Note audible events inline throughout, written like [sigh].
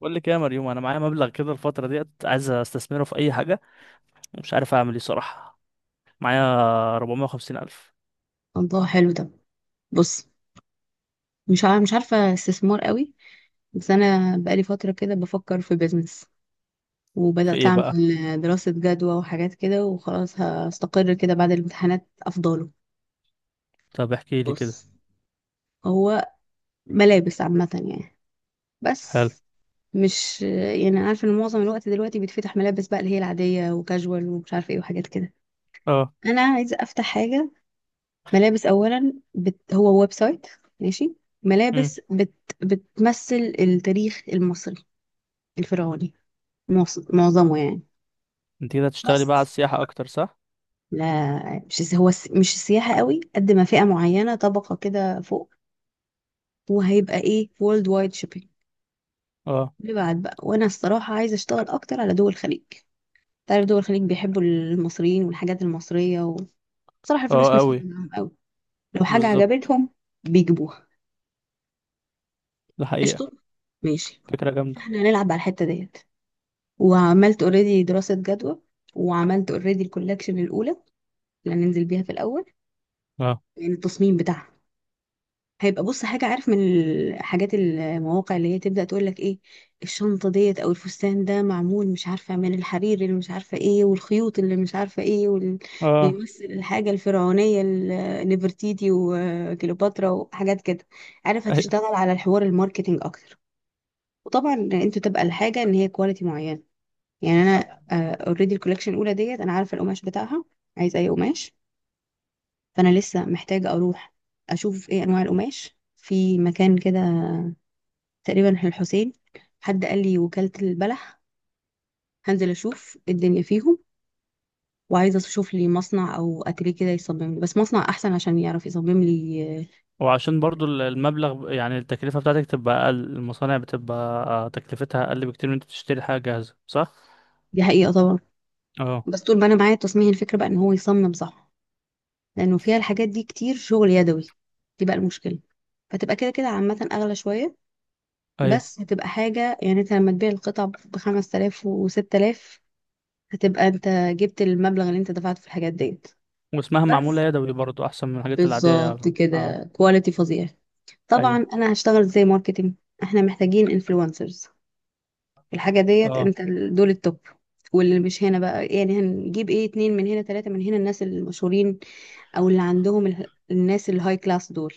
بقول لك ايه يا مريوم، انا معايا مبلغ كده الفتره ديت، عايز استثمره في اي حاجه. مش عارف اعمل ايه صراحه. معايا 450 الف. الله، حلو ده. بص، مش عارفة استثمار قوي. بس أنا بقالي فترة كده بفكر في بيزنس، في وبدأت ايه أعمل بقى؟ دراسة جدوى وحاجات كده، وخلاص هستقر كده بعد الامتحانات أفضله. طب احكي لي كده. بص، هو ملابس عامة يعني. حلو. بس مش يعني عارفة إن معظم الوقت دلوقتي بيتفتح ملابس بقى، اللي هي العادية وكاجوال ومش عارفة إيه وحاجات كده. اه. أنا عايزة أفتح حاجة ملابس. هو ويب سايت، ماشي؟ امم. ملابس بت... بتمثل التاريخ المصري الفرعوني، معظمه يعني. انت كده هتشتغلي بقى على بس السياحه اكتر صح؟ لا، مش السياحة قوي قد ما فئة معينة، طبقة كده فوق. وهيبقى ايه، وورلد وايد شيبينج، اه. اللي بعد بقى. وانا الصراحة عايزة اشتغل اكتر على دول الخليج. تعرف دول الخليج بيحبوا المصريين والحاجات المصرية، وصراحة اه الفلوس مش قوي. فارقة معاهم قوي. لو حاجة بالظبط. عجبتهم بيجيبوها. ده حقيقه. قشطة، ماشي. فكره جامده. احنا هنلعب على الحتة ديت. وعملت اوريدي دراسة جدوى، وعملت اوريدي الكولكشن الأولى اللي هننزل بيها في الأول. اه. يعني التصميم بتاعها هيبقى، بص، حاجة. عارف من الحاجات المواقع اللي هي تبدأ تقول لك ايه، الشنطة ديت او الفستان ده معمول مش عارفة من الحرير اللي مش عارفة ايه، والخيوط اللي مش عارفة ايه، وال... اه. بيمثل الحاجة الفرعونية، نفرتيتي وكليوباترا وحاجات كده. عارف، ايوه. هتشتغل على الحوار الماركتينج اكتر. وطبعا انت تبقى الحاجة ان هي كواليتي معينة. يعني انا اوريدي الكوليكشن الاولى ديت انا عارفة القماش بتاعها عايز اي قماش. فانا لسه محتاجة اروح اشوف ايه انواع القماش في مكان كده، تقريبا الحسين. حد قال لي وكالة البلح. هنزل اشوف الدنيا فيهم. وعايزة اشوف لي مصنع او اتيليه كده يصمم لي، بس مصنع احسن عشان يعرف يصمم لي. وعشان برضو المبلغ، يعني التكلفه بتاعتك تبقى اقل، المصانع بتبقى تكلفتها اقل بكتير من انت تشتري حاجه جاهزه صح؟ دي حقيقة طبعا. اه. بس طول ما انا معايا التصميم الفكرة بقى ان هو يصمم، صح؟ لانه فيها الحاجات دي كتير شغل يدوي، دي بقى المشكلة. فتبقى كده كده عامة اغلى شوية، ايوه. بس هتبقى حاجة. يعني انت لما تبيع القطع بخمس آلاف وستة آلاف، هتبقى انت جبت المبلغ اللي انت دفعته في الحاجات ديت. واسمها معموله بس يدوي برضو احسن من الحاجات العاديه بالظبط يعني. اه. كده، كواليتي فظيع. طبعا ايوه. انا هشتغل زي ماركتينج. احنا محتاجين انفلونسرز. الحاجه ديت اه. انت دول التوب. واللي مش هنا بقى، يعني هنجيب ايه، اتنين من هنا، تلاته من هنا، الناس المشهورين، او اللي عندهم الناس الهاي كلاس دول.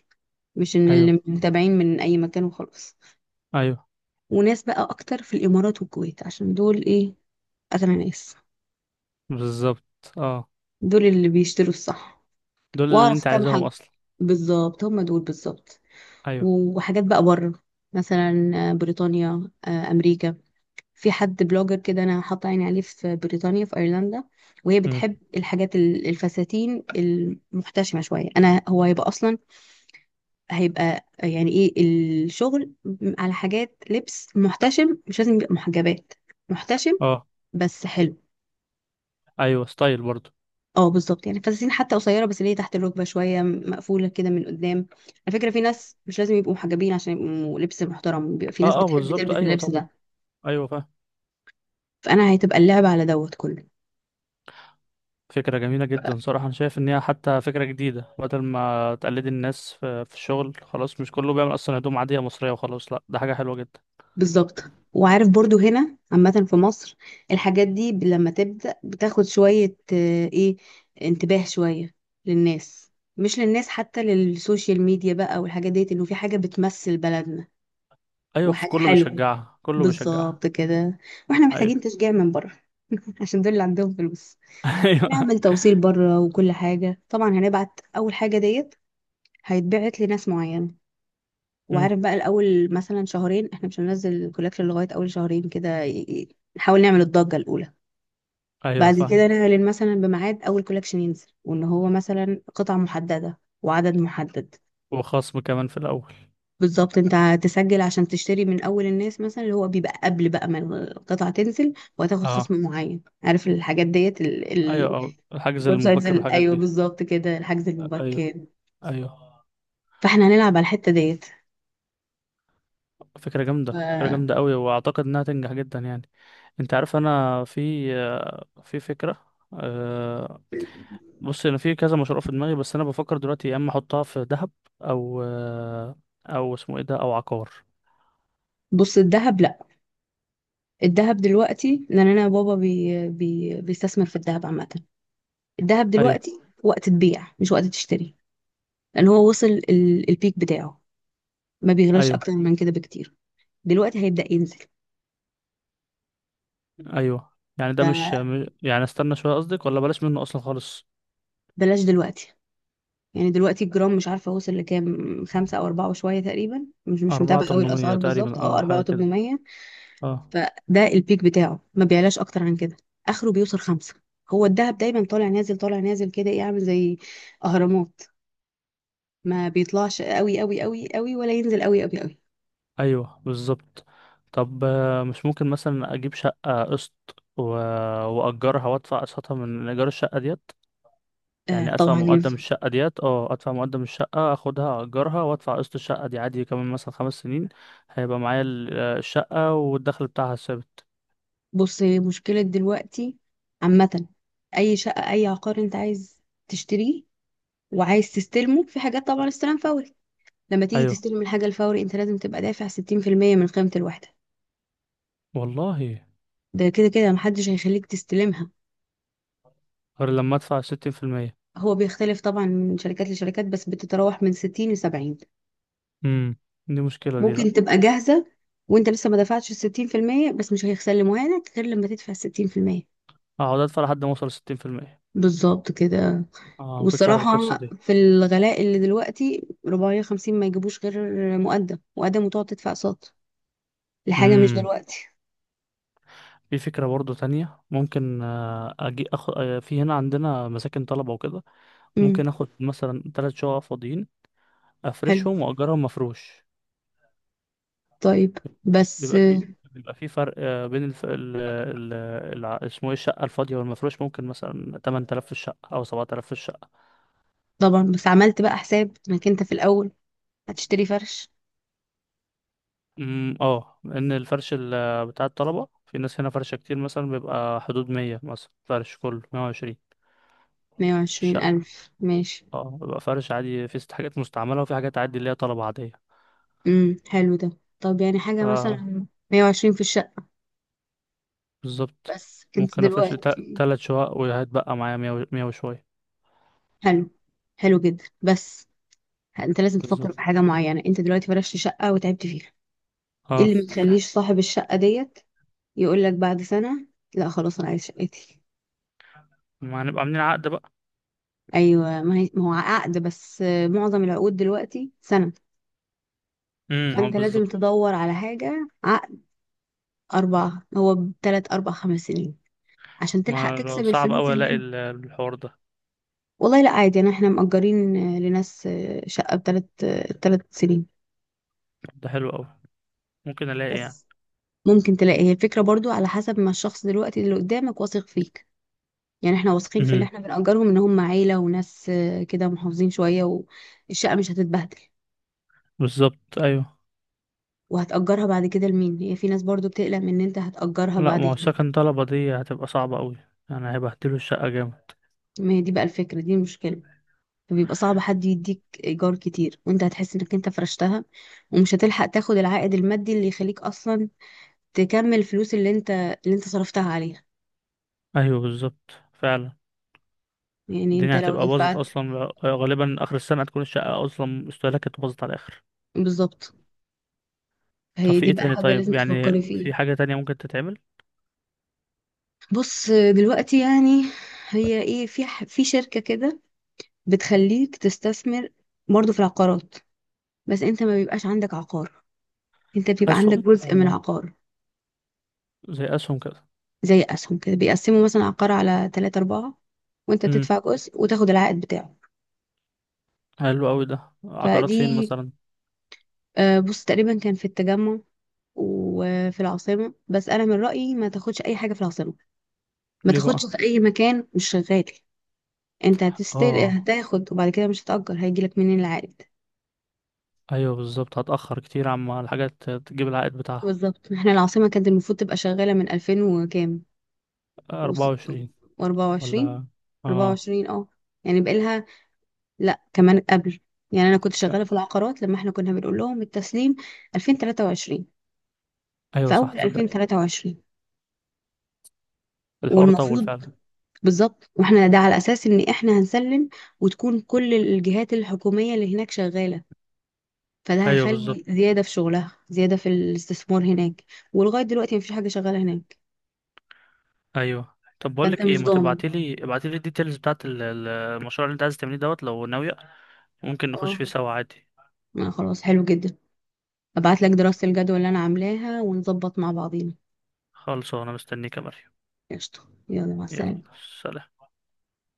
مش ان ايوه. اللي متابعين من اي مكان وخلاص. ايوه وناس بقى اكتر في الامارات والكويت، عشان دول ايه، اغنى ناس. بالظبط. اه. دول اللي بيشتروا الصح. دول اللي واعرف انت كام عايزاهم حاجه، اصلا. بالظبط هم دول بالظبط. ايوه. وحاجات بقى بره، مثلا بريطانيا، امريكا. في حد بلوجر كده انا حاطه عيني عليه في بريطانيا، في ايرلندا. وهي بتحب امم. الحاجات الفساتين المحتشمه شويه. انا هو هيبقى اصلا هيبقى يعني ايه، الشغل على حاجات لبس محتشم. مش لازم يبقى محجبات، محتشم اه. بس حلو. ايوه، ستايل برضو. اه بالظبط، يعني فساتين حتى قصيره، بس اللي هي تحت الركبه شويه، مقفوله كده من قدام. على فكره في ناس مش لازم يبقوا محجبين عشان يبقوا لبس محترم، بيبقى في ناس اه اه بتحب بالظبط، تلبس ايوه اللبس طبعا. ده. ايوه فاهم. فانا هتبقى اللعبه على دوت كله. فكرة جميلة جدا صراحة، أنا شايف إن هي حتى فكرة جديدة. بدل ما تقلدي الناس في الشغل خلاص، مش كله بيعمل أصلا هدوم عادية مصرية وخلاص. لأ ده حاجة حلوة جدا. بالظبط. وعارف برضو هنا عامة في مصر الحاجات دي لما تبدأ بتاخد شوية ايه انتباه شوية للناس. مش للناس، حتى للسوشيال ميديا بقى والحاجات ديت، انه في حاجة بتمثل بلدنا أيوة في وحاجة كله حلوة. بيشجعها، كله بيشجعها. بالظبط كده. واحنا أيوة. محتاجين تشجيع من بره. [laughs] عشان دول اللي عندهم فلوس. [laughs] أيوة. ونعمل توصيل بره وكل حاجة. طبعا هنبعت أول حاجة ديت، هيتبعت لناس معينة. أمم. وعارف بقى الاول مثلا شهرين احنا مش هننزل الكولكشن لغايه اول شهرين كده، نحاول نعمل الضجه الاولى. أيوة بعد فاهم. كده نعلن مثلا بميعاد اول كولكشن ينزل، وان هو مثلا قطعه محدده وعدد محدد. وخصم كمان في الأول. بالظبط، انت هتسجل عشان تشتري من اول الناس، مثلا، اللي هو بيبقى قبل بقى ما القطعه تنزل. وهتاخد أه. خصم معين. عارف الحاجات ديت أيوة، أه الحجز الويب سايتس المبكر والحاجات ايوه دي. بالظبط كده، الحجز أيوة. المبكر. أيوة. فاحنا هنلعب على الحته ديت. فكرة جامدة، ف- فكرة جامدة قوي، واعتقد انها تنجح جدا يعني. انت عارف انا في فكرة. أه. بص انا في كذا مشروع في دماغي، بس انا بفكر دلوقتي يا اما احطها في ذهب، او او اسمه ايه ده، او عقار. بص الذهب لا. الذهب دلوقتي، لان انا بابا بي بي بيستثمر في الذهب عامه. الذهب ايوه. دلوقتي وقت تبيع مش وقت تشتري. لان هو وصل البيك بتاعه، ما بيغلاش ايوه. اكتر من كده بكتير. دلوقتي هيبدأ ينزل. ايوه. يعني ده مش فبلاش يعني استنى شوية قصدك، ولا بلاش منه اصلا خالص؟ دلوقتي. يعني دلوقتي الجرام مش عارفه وصل لكام، خمسة او اربعة وشويه تقريبا، مش أربعة متابعه قوي تمنمية الاسعار بالظبط. تقريبا، اه، اه اربعة حاجة كده. وتمنمية. اه. فده البيك بتاعه، ما بيعلاش اكتر عن كده، اخره بيوصل خمسة. هو الذهب دايما طالع نازل طالع نازل كده، ايه، عامل زي اهرامات. ما بيطلعش قوي قوي قوي قوي، ولا ينزل قوي قوي قوي. ايوه بالظبط. طب مش ممكن مثلا اجيب شقة قسط و... واجرها وادفع قسطها من ايجار الشقة ديت؟ آه يعني ادفع طبعا مقدم ينفع. الشقه ديت، اه ادفع مقدم الشقه اخدها اجرها وادفع قسط الشقه دي عادي كمان مثلا خمس سنين. هيبقى معايا الشقه والدخل بتاعها ثابت. بص، هي مشكلة دلوقتي عامة. أي شقة أي عقار أنت عايز تشتريه وعايز تستلمه في حاجات طبعا استلام فوري. لما تيجي ايوه. تستلم الحاجة الفوري أنت لازم تبقى دافع 60% من قيمة الوحدة. والله. ده كده كده محدش هيخليك تستلمها. غير لما ادفع ستين في المية. هو بيختلف طبعا من شركات لشركات، بس بتتراوح من 60 ل 70. امم. دي مشكله دي، لا. ممكن تبقى جاهزة وأنت لسه ما دفعتش الستين في المية، بس مش هيسلموها لك غير لما تدفع الستين في المية. اقعد ادفع لحد ما اوصل ستين في المية. بالظبط كده. اه، ما كنتش عارف والصراحة القصه دي. في الغلاء اللي دلوقتي 450 ما يجيبوش غير مقدم مقدم، وتقعد تدفع اقساط لحاجة مش امم. دلوقتي. في فكره برضو تانية، ممكن اجي أخ... آه، في هنا عندنا مساكن طلبه وكده. ممكن امم، اخد مثلا تلات شقق فاضيين، حلو. افرشهم واجرهم مفروش. طيب، بس بيبقى في بيبقى في فرق بين الف... ال... ال... الع- اسمه ايه، الشقة الفاضية والمفروش ممكن مثلا 8000 في الشقة أو 7000 في الشقة. طبعا بس عملت بقى حساب انك انت في الأول هتشتري فرش. امم. اه، لأن الفرش بتاع الطلبة في ناس هنا فرشة كتير، مثلا بيبقى حدود 100، مثلا فرش كله 120 120 الشقة. ألف، ماشي. اه بيبقى فرش عادي في ست حاجات مستعملة، وفي حاجات عادي اللي هي طلبة عادية. امم، حلو ده. طب يعني حاجة اه. مثلا 120 في الشقة. بالظبط. بس انت ممكن أفرش لي دلوقتي، تلات شقق وهتبقى معايا 100 100 وشوية. حلو، حلو جدا، بس انت لازم تفكر بالظبط. في حاجة معينة. انت دلوقتي فرشت شقة وتعبت فيها، ايه اه، اللي ما يخليش صاحب الشقة ديت يقول لك بعد سنة لا خلاص انا عايز شقتي؟ ما هنبقى عاملين عقد بقى. ايوه، ما هو عقد، بس معظم العقود دلوقتي سنة. امم، اه فانت لازم بالظبط. تدور على حاجة عقد اربع، هو تلات اربع خمس سنين، عشان تلحق ما لو تكسب صعب الفلوس أوي اللي ألاقي انت. الحوار ده. والله لا عادي، انا احنا مأجرين لناس شقة بتلات، تلات سنين. طب ده حلو أوي، ممكن ألاقي يعني. بس ممكن تلاقي، هي الفكرة برضو على حسب ما الشخص دلوقتي اللي قدامك واثق فيك. يعني احنا واثقين في اللي امم. احنا بنأجرهم ان هم عيلة وناس كده محافظين شوية، والشقة مش هتتبهدل. بالظبط أيوه. وهتأجرها بعد كده لمين، هي في ناس برضو بتقلق من ان انت هتأجرها لا، ما هو بعدين. سكن طلبة دي هتبقى صعبة أوي، يعني هيبهدلوا الشقة جامد. ما هي دي بقى الفكرة، دي المشكلة. فبيبقى صعب حد يديك إيجار كتير، وانت هتحس انك انت فرشتها، ومش هتلحق تاخد العائد المادي اللي يخليك اصلا تكمل الفلوس اللي انت اللي انت صرفتها عليها. أيوه بالظبط فعلا. يعني انت الدنيا لو هتبقى باظت دفعت، أصلا، غالبا آخر السنة هتكون الشقة أصلا استهلاكت باظت على الآخر. بالظبط. طب هي في دي إيه بقى تاني؟ حاجة لازم طيب يعني تفكري فيها. في حاجة تانية ممكن تتعمل. بص دلوقتي يعني، هي ايه، في في شركة كده بتخليك تستثمر برضو في العقارات. بس انت ما بيبقاش عندك عقار، انت بيبقى عندك أسهم، جزء من الله. عقار. زي أسهم كده. زي اسهم كده، بيقسموا مثلا عقار على ثلاثة أربعة، وانت امم. بتدفع جزء وتاخد العائد بتاعه. حلو أوي ده، عقارات فين فدي، مثلا؟ بص، تقريبا كان في التجمع وفي العاصمة. بس أنا من رأيي ما تاخدش أي حاجة في العاصمة. ما ليه تاخدش بقى؟ في أي مكان مش شغال. انت هتستل اه. هتاخد، وبعد كده مش هتأجر، هيجيلك منين العائد؟ ايوه بالظبط، هتأخر كتير عما الحاجات تجيب العائد بتاعها. بالظبط. احنا العاصمة كانت المفروض تبقى شغالة من 2000 وكام، أربعة و24. وعشرين. ولا. اه. 24، اه. يعني بقالها، لا كمان قبل. يعني انا كنت لا. شغاله في العقارات لما احنا كنا بنقول لهم التسليم 2023، أيوة في صح، اول تصدق 2023. الحوار طول والمفروض، فعلا. بالظبط، واحنا ده على اساس ان احنا هنسلم وتكون كل الجهات الحكوميه اللي هناك شغاله، فده أيوة بالظبط. هيخلي زياده في شغلها، زياده في الاستثمار هناك. ولغايه دلوقتي مفيش حاجه شغاله هناك. أيوة. طب بقول فانت لك ايه، مش ما ضامن. تبعتيلي ابعتيلي الديتيلز بتاعت المشروع اللي انت عايز تعمليه دوت لو ناوية. ممكن نخش اه، فيه سوا عادي. خلاص، حلو جدا. ابعت لك دراسه الجدوى اللي انا عاملاها ونظبط مع بعضينا. خالص انا مستنيك يا مريم. قشطه، يلا مع يلا. السلامه. سلام.